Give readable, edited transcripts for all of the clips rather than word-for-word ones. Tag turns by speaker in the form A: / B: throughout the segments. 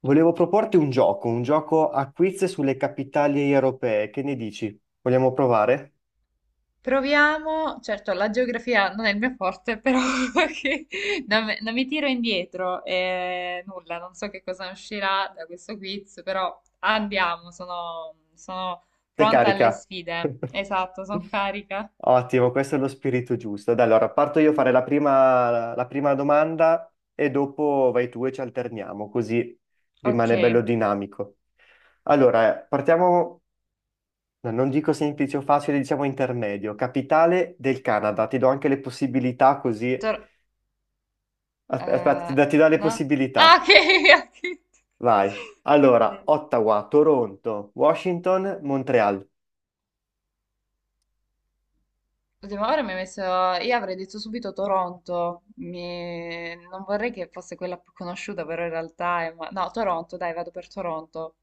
A: Volevo proporti un gioco a quiz sulle capitali europee. Che ne dici? Vogliamo provare?
B: Proviamo, certo, la geografia non è il mio forte, però che- non mi tiro indietro e nulla, non so che cosa uscirà da questo quiz, però andiamo, sono
A: Te
B: pronta alle
A: carica.
B: sfide. Esatto, sono carica.
A: Ottimo, questo è lo spirito giusto. Dai, allora parto io a fare la prima domanda e dopo vai tu e ci alterniamo, così
B: Ok,
A: rimane bello dinamico. Allora, partiamo, no, non dico semplice o facile, diciamo intermedio. Capitale del Canada, ti do anche le possibilità così.
B: tor-
A: Aspetta,
B: eh,
A: ti do le
B: no? Ah,
A: possibilità.
B: ok,
A: Vai. Allora,
B: ok.
A: Ottawa, Toronto, Washington, Montreal.
B: L'ultima ora mi ha messo, io avrei detto subito Toronto, non vorrei che fosse quella più conosciuta, però in realtà è, no, Toronto, dai, vado per Toronto.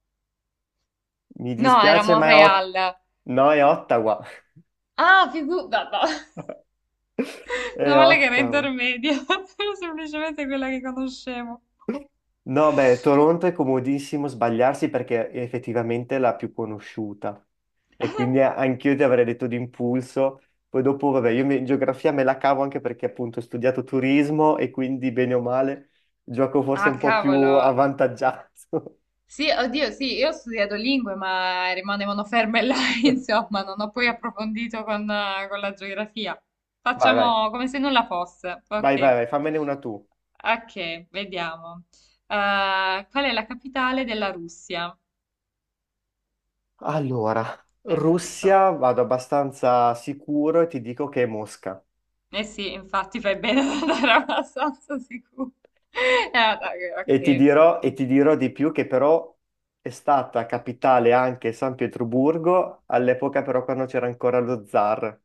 A: Mi
B: No, era
A: dispiace, ma è
B: Montreal.
A: no, è Ottawa.
B: Ah, no, no.
A: È
B: Meno male che era
A: Ottawa.
B: intermedia, era semplicemente quella che conoscevo.
A: No, beh, Toronto è comodissimo sbagliarsi perché è effettivamente la più conosciuta. E quindi anch'io ti avrei detto d'impulso. Poi dopo, vabbè, in geografia me la cavo anche perché appunto ho studiato turismo e quindi bene o male gioco forse un
B: Ah,
A: po' più
B: cavolo,
A: avvantaggiato.
B: sì, oddio, sì, io ho studiato lingue, ma rimanevano ferme là, insomma, non ho poi approfondito con la geografia.
A: Vai, vai,
B: Facciamo come se nulla fosse.
A: vai, vai,
B: Ok,
A: vai, fammene una tu.
B: ok, vediamo. Qual è la capitale della Russia?
A: Allora,
B: Che so.
A: Russia vado abbastanza sicuro e ti dico che è Mosca.
B: Eh sì, infatti fai bene ad andare abbastanza sicuro. Dai,
A: E ti
B: ok,
A: dirò, e
B: ok.
A: ti dirò di più che però è stata capitale anche San Pietroburgo, all'epoca però quando c'era ancora lo zar.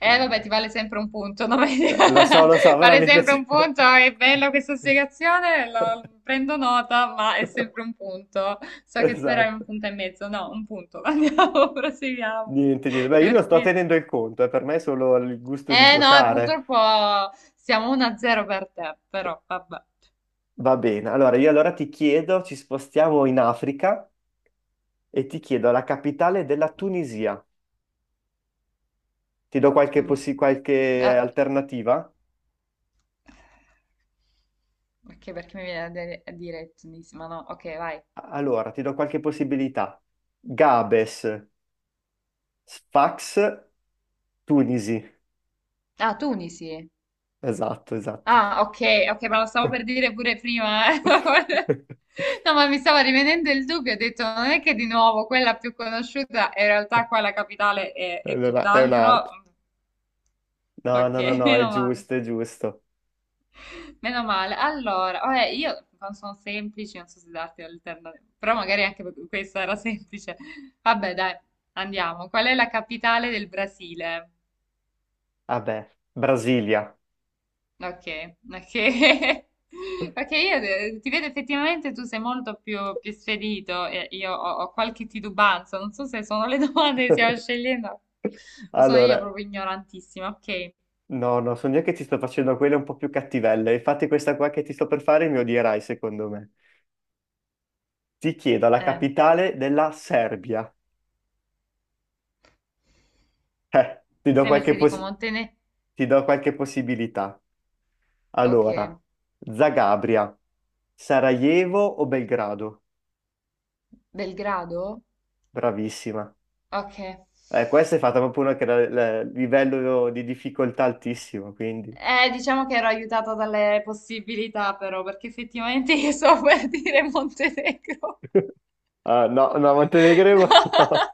A: Quindi,
B: Vabbè, ti vale sempre un punto, no?
A: lo so, però
B: Vale
A: mi
B: sempre un
A: piace.
B: punto, è bella questa spiegazione, prendo nota, ma è sempre un punto. So che speravi un
A: Esatto.
B: punto e mezzo, no, un punto. Andiamo, proseguiamo.
A: Niente, niente.
B: Che
A: Beh, io non sto
B: Perché.
A: tenendo il conto, per me è solo il gusto di
B: No,
A: giocare.
B: purtroppo siamo 1-0 per te, però vabbè.
A: Va bene, allora io ti chiedo, ci spostiamo in Africa e ti chiedo la capitale della Tunisia. Ti do
B: Tu...
A: qualche
B: ah,
A: alternativa?
B: Ok, perché mi viene a dire Tunisi, ma no, ok, vai.
A: Allora, ti do qualche possibilità. Gabes, Sfax, Tunisi.
B: Ah, Tunisi.
A: Esatto, esatto.
B: Ah, ok, ok, ma lo stavo per dire pure prima. No, ma mi stava rivenendo il dubbio, ho detto, non è che di nuovo quella più conosciuta, in realtà qua la capitale è
A: Allora,
B: tutt'altro.
A: no,
B: Ok,
A: no, no, no, è
B: meno male.
A: giusto, è giusto.
B: Meno male. Allora, vabbè, io non sono semplici, non so se darti l'alternativa, però magari anche questa era semplice. Vabbè, dai, andiamo. Qual è la capitale del Brasile?
A: Vabbè, Brasilia.
B: Ok, ok. Perché io ti vedo effettivamente tu sei molto più spedito e io ho qualche titubanza, non so se sono le domande che stiamo scegliendo o sono io
A: Allora,
B: proprio ignorantissima. Ok,
A: no, so io che ti sto facendo quelle un po' più cattivelle. Infatti questa qua che ti sto per fare mi odierai, secondo me. Ti chiedo la
B: eh,
A: capitale della Serbia. Eh, ti
B: mi
A: do
B: sembra
A: qualche
B: se dico
A: possibilità. Ti do qualche possibilità.
B: Ok,
A: Allora, Zagabria, Sarajevo o Belgrado?
B: Belgrado?
A: Bravissima.
B: Ok.
A: Questa è fatta proprio una che ha il livello di difficoltà altissimo, quindi...
B: Diciamo che ero aiutata dalle possibilità però, perché effettivamente io so per dire Montenegro.
A: Ah, no, no, Montenegro, no.
B: No.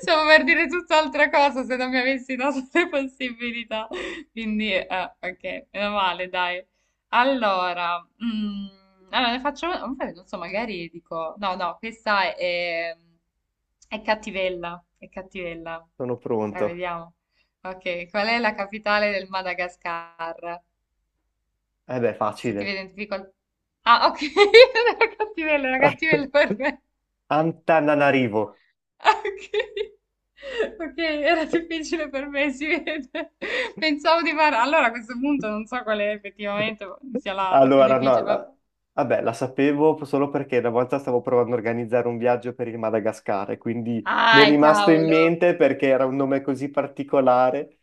B: Stavo per dire tutt'altra cosa se non mi avessi dato le possibilità. Quindi, ok, meno male, dai. Allora, ne faccio una, non so, magari dico, no, no, questa è cattivella, è cattivella.
A: Sono
B: La
A: pronto.
B: vediamo. Ok, qual è la capitale del Madagascar?
A: Eh beh,
B: Se ti
A: facile.
B: vedi in difficoltà. Ah, ok, era cattivella per me.
A: Antananarivo.
B: Ah, ok. Ok, era difficile per me, si vede. Pensavo di fare. Allora a questo punto non so quale effettivamente sia la più
A: Allora, no,
B: difficile, vabbè.
A: la- vabbè, la sapevo solo perché una volta stavo provando a organizzare un viaggio per il Madagascar, e quindi mi è
B: Ah,
A: rimasto in
B: cavolo.
A: mente perché era un nome così particolare.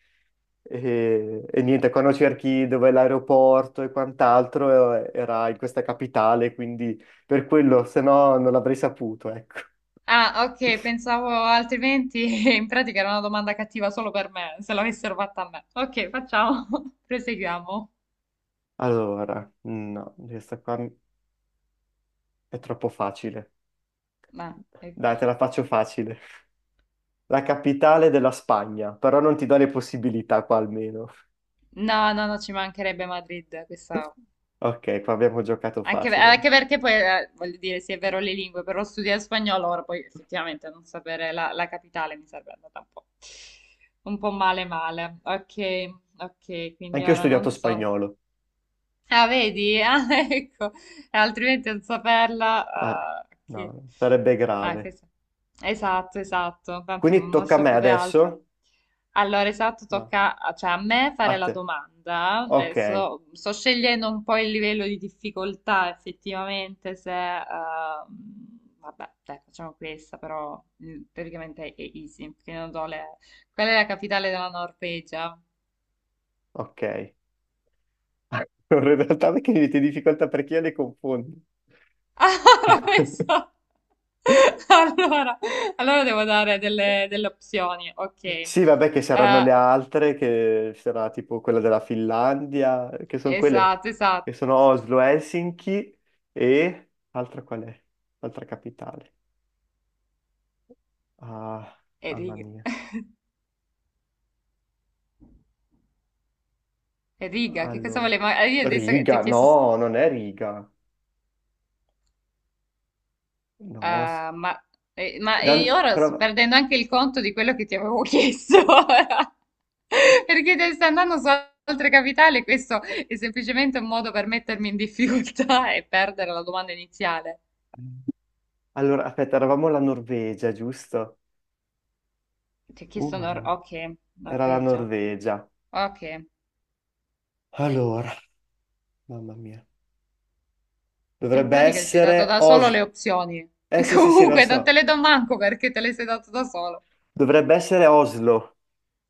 A: E niente, quando cerchi dove è l'aeroporto e quant'altro, era in questa capitale, quindi per quello, se no non l'avrei saputo, ecco.
B: Ah, ok, pensavo altrimenti in pratica era una domanda cattiva solo per me, se l'avessero fatta a me. Ok, facciamo. Proseguiamo.
A: Allora, no, questa qua è troppo facile.
B: Ma, ecco.
A: Dai, te la faccio facile. La capitale della Spagna, però non ti do le possibilità qua almeno.
B: No, no, no, ci mancherebbe Madrid, questa
A: Ok, qua abbiamo giocato
B: Anche,
A: facile.
B: anche perché poi, voglio dire, sì, è vero le lingue, però studiare spagnolo ora poi effettivamente non sapere la capitale mi sarebbe andata un po', male male. Ok, ok, quindi
A: Anche io ho
B: ora
A: studiato
B: non so.
A: spagnolo.
B: Ah, vedi? Ah, ecco, altrimenti non saperla.
A: Eh,
B: Che...
A: no, sarebbe
B: Ah,
A: grave.
B: questo- Esatto, esatto, tanto
A: Quindi
B: non ho
A: tocca a me
B: saputo altro.
A: adesso?
B: Allora, esatto,
A: No,
B: tocca cioè, a me
A: a
B: fare la
A: te.
B: domanda.
A: Ok,
B: Adesso sto scegliendo un po' il livello di difficoltà, effettivamente, se, vabbè, dai, facciamo questa, però teoricamente è easy, perché non so Qual è la capitale della Norvegia?
A: ok. Allora, in realtà perché mi metti in difficoltà perché io le confondo.
B: Ah, l'ho messo. Allora, allora, devo dare delle opzioni. Ok.
A: Sì, vabbè, che saranno le
B: Eh,
A: altre, che sarà tipo quella della Finlandia, che sono quelle
B: esatto, esatto.
A: che sono Oslo, Helsinki e altra qual è? Altra capitale. Ah,
B: E
A: mamma
B: Riga.
A: mia.
B: E Riga, che cosa
A: Allora,
B: volevo? Ah, io adesso che ti ho
A: Riga,
B: chiesto,
A: no, non è Riga. No, s-
B: eh, ma, ma
A: la-
B: io ora sto
A: però-
B: perdendo anche il conto di quello che ti avevo chiesto. Ora. Perché te stai andando su altre capitali, questo è semplicemente un modo per mettermi in difficoltà e perdere la domanda iniziale.
A: allora, aspetta, eravamo la Norvegia, giusto?
B: Ti ho chiesto
A: Mamma mia. Era la
B: Norvegia.
A: Norvegia.
B: Ok, e
A: Allora, mamma mia.
B: in
A: Dovrebbe
B: pratica ti sei dato
A: essere
B: da solo
A: Oslo.
B: le opzioni.
A: Eh sì, lo
B: Comunque, non te
A: so.
B: le do manco perché te le sei dato da solo.
A: Dovrebbe essere Oslo.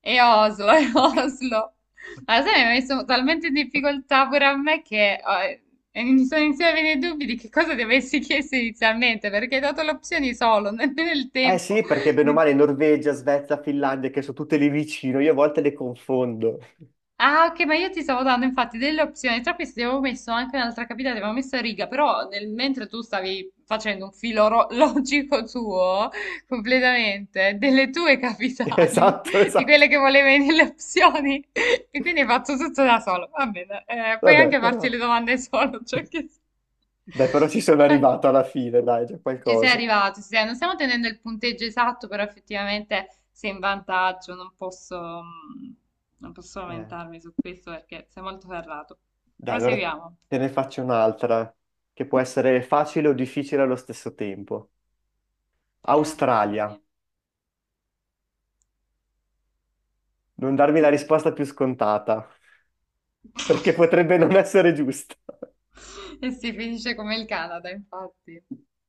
B: E Oslo, e
A: Ok,
B: Oslo. Ma
A: ok.
B: sai, mi ha messo talmente in difficoltà pure a me che e mi sono iniziati a venire i dubbi di che cosa ti avessi chiesto inizialmente, perché hai dato le opzioni solo, nemmeno il
A: Eh
B: tempo.
A: sì, perché bene o male Norvegia, Svezia, Finlandia, che sono tutte lì vicino, io a volte le confondo.
B: Ah, ok, ma io ti stavo dando infatti delle opzioni. Tra queste avevo messo anche un'altra capitale, avevo messo a Riga, però mentre tu stavi facendo un filo logico tuo, completamente, delle tue capitali,
A: Esatto,
B: di
A: esatto.
B: quelle che volevi nelle opzioni, e quindi hai fatto tutto da solo. Va bene, puoi
A: Vabbè,
B: anche farti
A: però...
B: le domande solo, cioè che.
A: Dai, però ci sono arrivato alla fine, dai, già
B: Ci sei
A: qualcosa.
B: arrivato, ci sei. Non stiamo tenendo il punteggio esatto, però effettivamente sei in vantaggio, non posso
A: Eh,
B: lamentarmi su questo perché sei molto ferrato.
A: Dai, allora
B: Proseguiamo.
A: te ne faccio un'altra, che può essere facile o difficile allo stesso tempo.
B: Voglio
A: Australia.
B: dire.
A: Non darmi la risposta più scontata, perché potrebbe non essere giusta.
B: E si finisce come il Canada, infatti.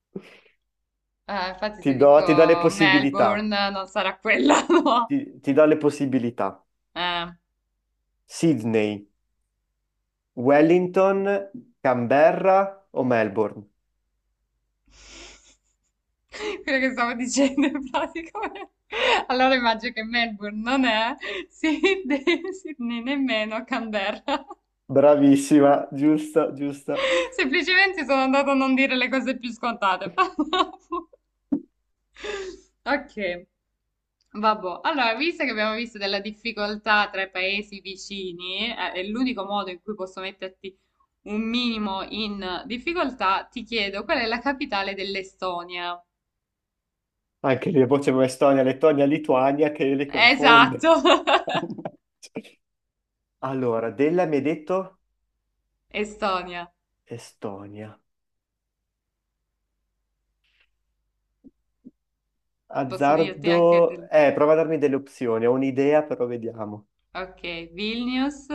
B: Infatti
A: Ti
B: se
A: do, ti do le
B: dico
A: possibilità.
B: Melbourne non sarà quella, no?
A: Ti do le possibilità.
B: Eh.
A: Sydney, Wellington, Canberra o Melbourne?
B: Quello che stavo dicendo in pratica. Allora immagino che Melbourne non è Sydney, nemmeno Canberra.
A: Bravissima, giusta, giusta.
B: Semplicemente sono andata a non dire le cose più scontate. Ok, vabbè. Allora, visto che abbiamo visto della difficoltà tra i paesi vicini, è l'unico modo in cui posso metterti un minimo in difficoltà, ti chiedo qual è la capitale dell'Estonia?
A: Anche lì, poi c'è Estonia, Lettonia, Lituania che le
B: Esatto.
A: confonde. Allora, della mi hai detto
B: Estonia,
A: Estonia.
B: posso dirti anche
A: Azzardo...
B: del.
A: Prova a darmi delle opzioni, ho un'idea, però vediamo.
B: Ok, Vilnius,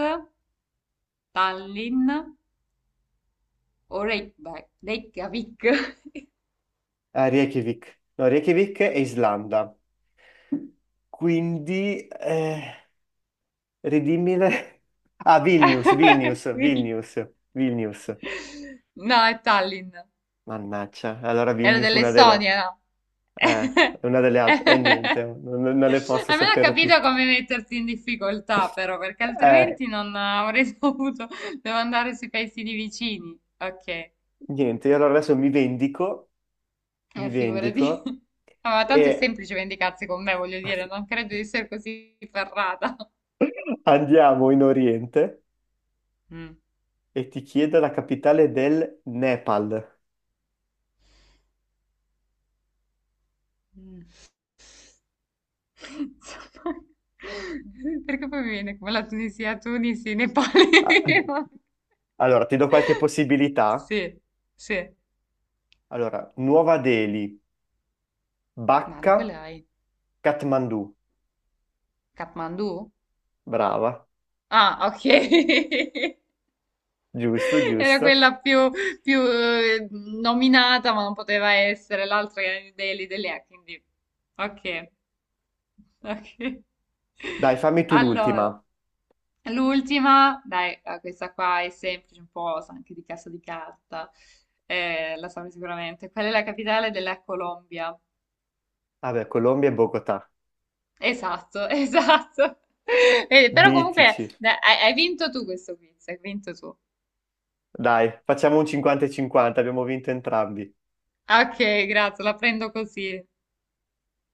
B: Tallinn o Reykjavik. Reykjavik.
A: Reykjavik. No, Reykjavik e Islanda. Quindi... Ridimmile. Ah, Vilnius, Vilnius,
B: Vil-
A: Vilnius, Vilnius.
B: No, è Tallinn.
A: Mannaggia, allora
B: Era
A: Vilnius una delle,
B: dell'Estonia, no?
A: eh, una delle altre, e niente, non le posso
B: Almeno ho
A: sapere
B: capito
A: tutte.
B: come metterti in difficoltà, però, perché
A: Eh,
B: altrimenti non avrei dovuto. Devo andare sui paesini vicini. Ok.
A: niente, io allora adesso mi
B: Figurati.
A: vendico
B: Ah, ma tanto è
A: e
B: semplice vendicarsi con me, voglio dire, non credo di essere così ferrata.
A: andiamo in Oriente
B: Mm.
A: e ti chiedo la capitale del Nepal.
B: Mm. Insomma, perché poi mi viene come la Tunisia, Tunisi, Nepali.
A: Ah, allora, ti do qualche possibilità.
B: Sì, sì.
A: Allora, Nuova Delhi,
B: Ma no,
A: Bacca,
B: quella è
A: Kathmandu.
B: Kathmandu?
A: Brava.
B: Ah, ok.
A: Giusto,
B: Era
A: giusto.
B: quella più, nominata, ma non poteva essere l'altra che era New Delhi, Delhi, quindi. Ok. Ok.
A: Dai, fammi tu l'ultima.
B: Allora, l'ultima, dai, questa qua è semplice, un po' sa anche di Casa di Carta. La saprai sicuramente. Qual è la capitale della Colombia?
A: Vabbè, Colombia e Bogotà.
B: Esatto, esatto. Però
A: Mitici.
B: comunque dai, hai vinto tu questo quiz, hai vinto tu.
A: Dai, facciamo un 50 e 50, abbiamo vinto entrambi.
B: Ok, grazie, la prendo così.